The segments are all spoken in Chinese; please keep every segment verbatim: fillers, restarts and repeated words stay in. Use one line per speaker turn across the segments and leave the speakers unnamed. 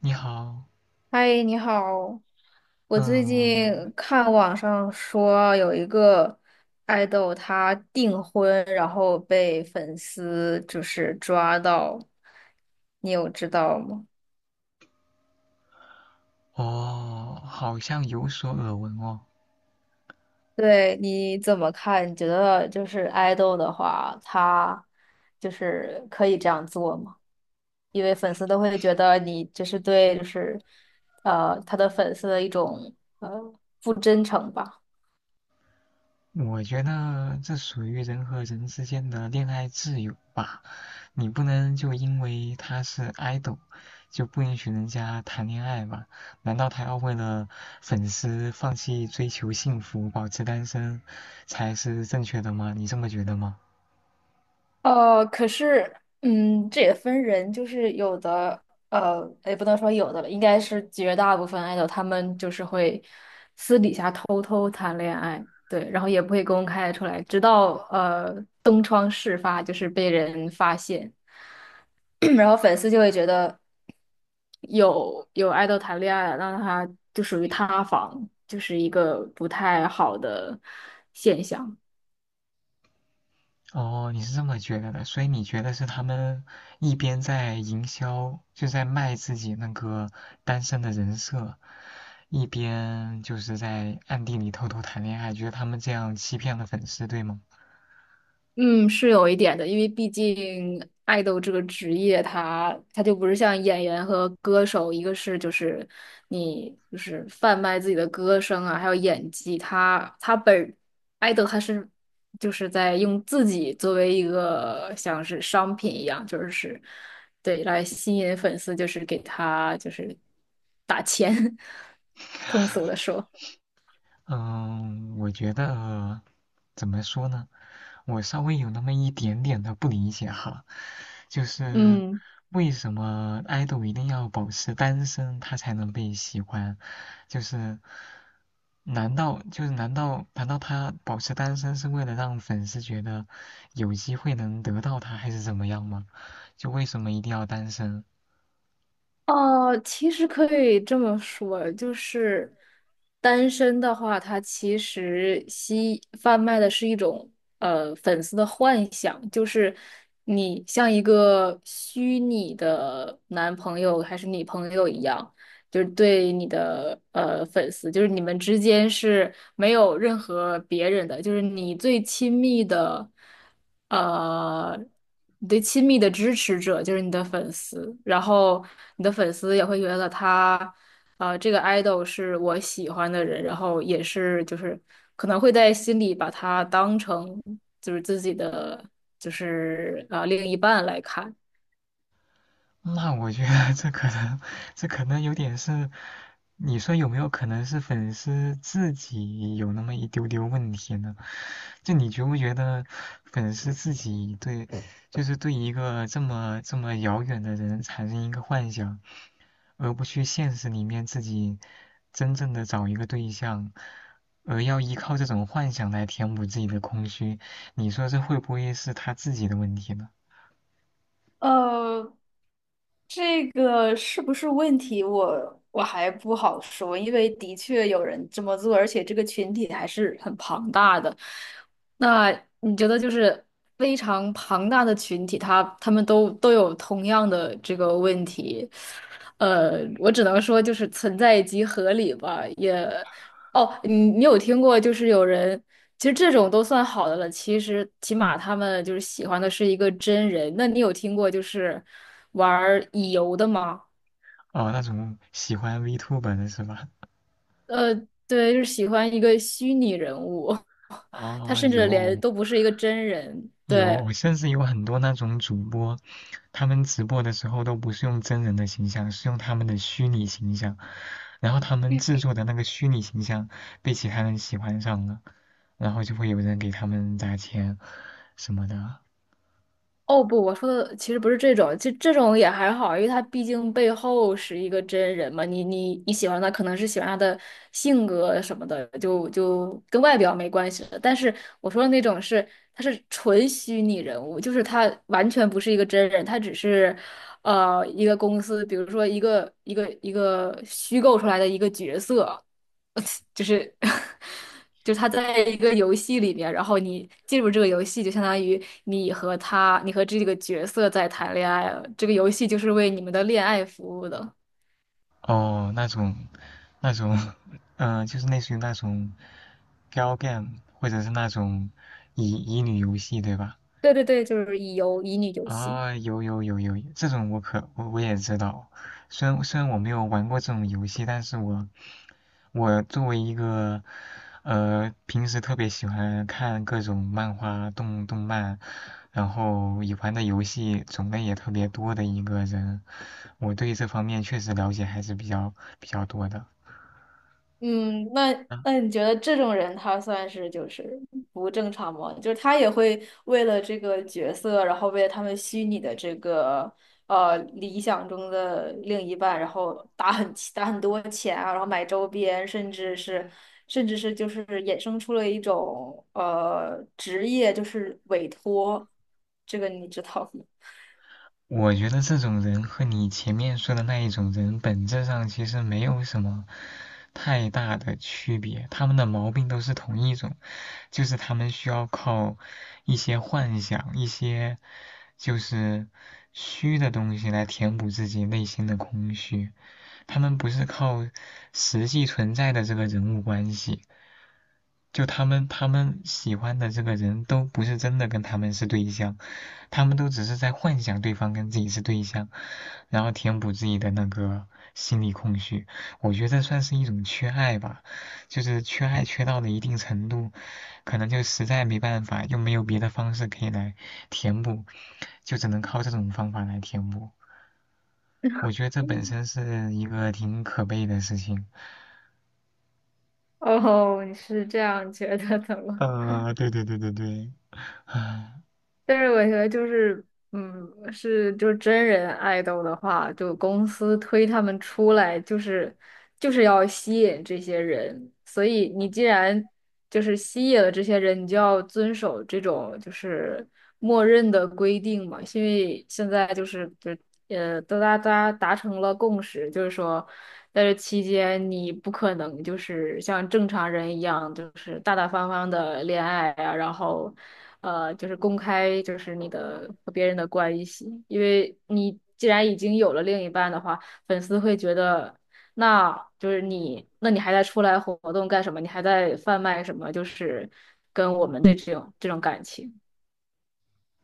你好。
嗨，你好。我最
嗯，
近看网上说有一个爱豆他订婚，然后被粉丝就是抓到，你有知道吗？
我好像有所耳闻哦。
对，你怎么看？你觉得就是爱豆的话，他就是可以这样做吗？因为粉丝都会觉得你就是对，就是呃他的粉丝的一种呃不真诚吧。
我觉得这属于人和人之间的恋爱自由吧，你不能就因为他是 idol 就不允许人家谈恋爱吧？难道他要为了粉丝放弃追求幸福，保持单身才是正确的吗？你这么觉得吗？
呃，可是，嗯，这也分人，就是有的，呃，也不能说有的了，应该是绝大部分爱豆，他们就是会私底下偷偷谈恋爱，对，然后也不会公开出来，直到呃东窗事发，就是被人发现，然后粉丝就会觉得有有爱豆谈恋爱了，那他就属于塌房，就是一个不太好的现象。
哦，你是这么觉得的，所以你觉得是他们一边在营销，就在卖自己那个单身的人设，一边就是在暗地里偷偷谈恋爱，觉得他们这样欺骗了粉丝，对吗？
嗯，是有一点的，因为毕竟爱豆这个职业他他就不是像演员和歌手，一个是就是你就是贩卖自己的歌声啊，还有演技，他他本爱豆他是就是在用自己作为一个像是商品一样，就是对来吸引粉丝，就是给他就是打钱，通俗的说，
嗯，我觉得怎么说呢？我稍微有那么一点点的不理解哈，就是
嗯。
为什么爱豆一定要保持单身，他才能被喜欢？就是难道就是难道难道他保持单身是为了让粉丝觉得有机会能得到他，还是怎么样吗？就为什么一定要单身？
哦，其实可以这么说，就是单身的话，它其实吸贩卖的是一种呃粉丝的幻想，就是你像一个虚拟的男朋友还是女朋友一样，就是对你的呃粉丝，就是你们之间是没有任何别人的，就是你最亲密的，呃，你最亲密的支持者就是你的粉丝，然后你的粉丝也会觉得他，呃，这个 idol 是我喜欢的人，然后也是就是可能会在心里把他当成就是自己的就是呃另一半来看。
那我觉得这可能这可能有点是，你说有没有可能是粉丝自己有那么一丢丢问题呢？就你觉不觉得粉丝自己对，就是对一个这么这么遥远的人产生一个幻想，而不去现实里面自己真正的找一个对象？而要依靠这种幻想来填补自己的空虚，你说这会不会是他自己的问题呢？
呃，这个是不是问题？我我还不好说，因为的确有人这么做，而且这个群体还是很庞大的。那你觉得就是非常庞大的群体，他他们都都有同样的这个问题，呃，我只能说就是存在即合理吧，也。哦，你你有听过就是有人其实这种都算好的了。其实起码他们就是喜欢的是一个真人。那你有听过就是玩儿乙游的吗？
哦，那种喜欢 v t u b e 的是吧？
呃，对，就是喜欢一个虚拟人物，他
啊、
甚至连
有
都不是一个真人。对，
有，甚至有很多那种主播，他们直播的时候都不是用真人的形象，是用他们的虚拟形象，然后他们制作的那个虚拟形象被其他人喜欢上了，然后就会有人给他们砸钱什么的。
哦不，我说的其实不是这种，这这种也还好，因为他毕竟背后是一个真人嘛。你你你喜欢他，可能是喜欢他的性格什么的，就就跟外表没关系了。但是我说的那种是，他是纯虚拟人物，就是他完全不是一个真人，他只是呃一个公司，比如说一个一个一个虚构出来的一个角色。就是就是他在一个游戏里面，然后你进入这个游戏，就相当于你和他，你和这个角色在谈恋爱了。这个游戏就是为你们的恋爱服务的。
哦，那种，那种，嗯、就是类似于那种 girl game，或者是那种乙乙女游戏，对吧？
对对对，就是乙游乙女游戏。
啊、有有有有，这种我可我我也知道。虽然虽然我没有玩过这种游戏，但是我我作为一个呃平时特别喜欢看各种漫画、动动漫，然后也玩的游戏种类也特别多的一个人，我对这方面确实了解还是比较比较多的。
嗯，那那你觉得这种人他算是就是不正常吗？就是他也会为了这个角色，然后为了他们虚拟的这个呃理想中的另一半，然后打很打很多钱啊，然后买周边，甚至是甚至是就是衍生出了一种呃职业，就是委托，这个你知道吗？
我觉得这种人和你前面说的那一种人本质上其实没有什么太大的区别，他们的毛病都是同一种，就是他们需要靠一些幻想、一些就是虚的东西来填补自己内心的空虚，他们不是靠实际存在的这个人物关系。就他们他们喜欢的这个人都不是真的跟他们是对象，他们都只是在幻想对方跟自己是对象，然后填补自己的那个心理空虚。我觉得这算是一种缺爱吧，就是缺爱缺到了一定程度，可能就实在没办法，又没有别的方式可以来填补，就只能靠这种方法来填补。我觉得这本身 是一个挺可悲的事情。
哦，你是这样觉得的吗？
呃，对对对对对。
但是我觉得就是，嗯，是就是真人爱豆的话，就公司推他们出来，就是就是要吸引这些人。所以你
嗯。
既然就是吸引了这些人，你就要遵守这种就是默认的规定嘛。因为现在就是就呃，都大家达成了共识，就是说在这期间你不可能就是像正常人一样，就是大大方方的恋爱啊，然后呃，就是公开就是你的和别人的关系，因为你既然已经有了另一半的话，粉丝会觉得。那就是你，那你还在出来活动干什么？你还在贩卖什么？就是跟我们的这种这种感情。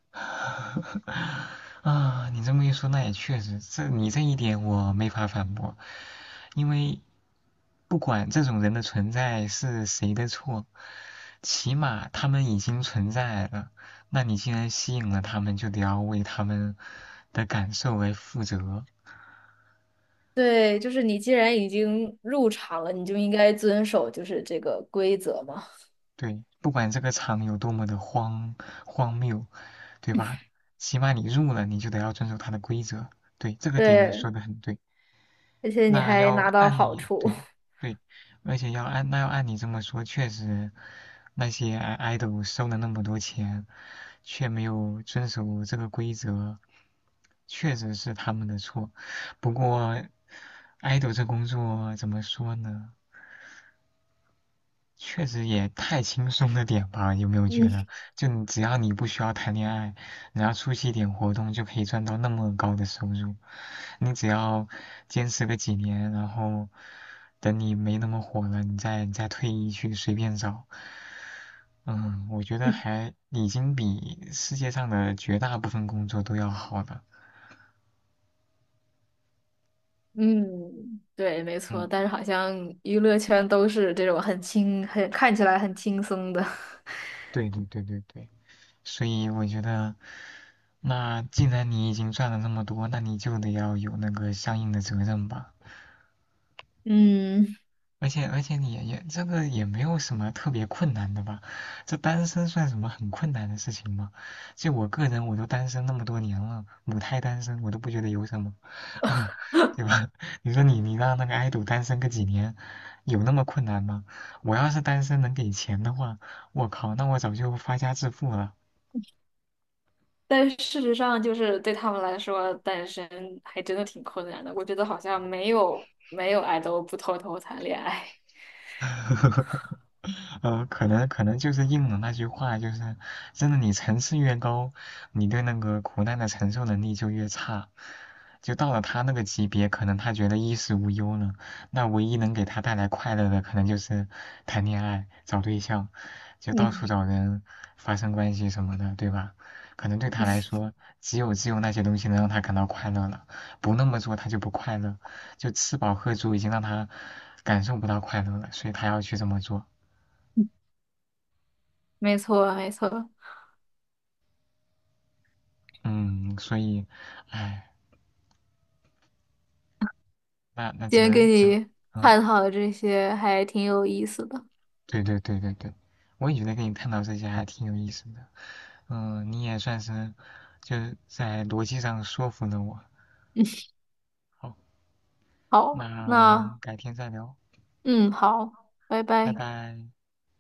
啊，你这么一说，那也确实，这你这一点我没法反驳，因为不管这种人的存在是谁的错，起码他们已经存在了。那你既然吸引了他们，就得要为他们的感受为负责。
对，就是你既然已经入场了，你就应该遵守就是这个规则嘛。
对，不管这个场有多么的荒荒谬，对吧？起码你入了，你就得要遵守它的规则。对，这个点你说
对，
的很对。
而且你
那
还
要
拿到
按
好
你
处。
对对，而且要按那要按你这么说，确实那些爱 i d 收了那么多钱，却没有遵守这个规则，确实是他们的错。不过爱豆这工作怎么说呢？确实也太轻松的点吧？有没有觉得，就你只要你不需要谈恋爱，然后出席一点活动就可以赚到那么高的收入？你只要坚持个几年，然后等你没那么火了，你再你再退役去随便找。嗯，我觉得
嗯。
还已经比世界上的绝大部分工作都要好了。
嗯，对，没错。
嗯，
但是好像娱乐圈都是这种很轻、很看起来很轻松的。
对对对对对。所以我觉得，那既然你已经赚了那么多，那你就得要有那个相应的责任吧。
嗯，
而且而且你也也这个也没有什么特别困难的吧？这单身算什么很困难的事情吗？就我个人，我都单身那么多年了，母胎单身，我都不觉得有什么。对吧？你说你你让那个爱豆单身个几年，有那么困难吗？我要是单身能给钱的话，我靠，那我早就发家致富了。
但事实上，就是对他们来说，单身还真的挺困难的。我觉得好像没有没有爱豆不偷偷谈恋爱。
呃，可能可能就是应了那句话，就是真的，你层次越高，你对那个苦难的承受能力就越差。就到了他那个级别，可能他觉得衣食无忧了，那唯一能给他带来快乐的，可能就是谈恋爱、找对象，就到处
嗯，
找人发生关系什么的，对吧？可能对他来 说，只有只有那些东西能让他感到快乐了，不那么做他就不快乐，就吃饱喝足已经让他感受不到快乐了，所以他要去这么做。
没错，没错。
嗯，所以，唉，那那
今
只
天
能
跟
只，
你
嗯，
探讨的这些还挺有意思的。
对对对对对，我也觉得跟你探讨这些还挺有意思的，嗯，你也算是就是在逻辑上说服了我。好，
好，
那我们
那
改天再聊，
嗯，好，拜
拜
拜。
拜。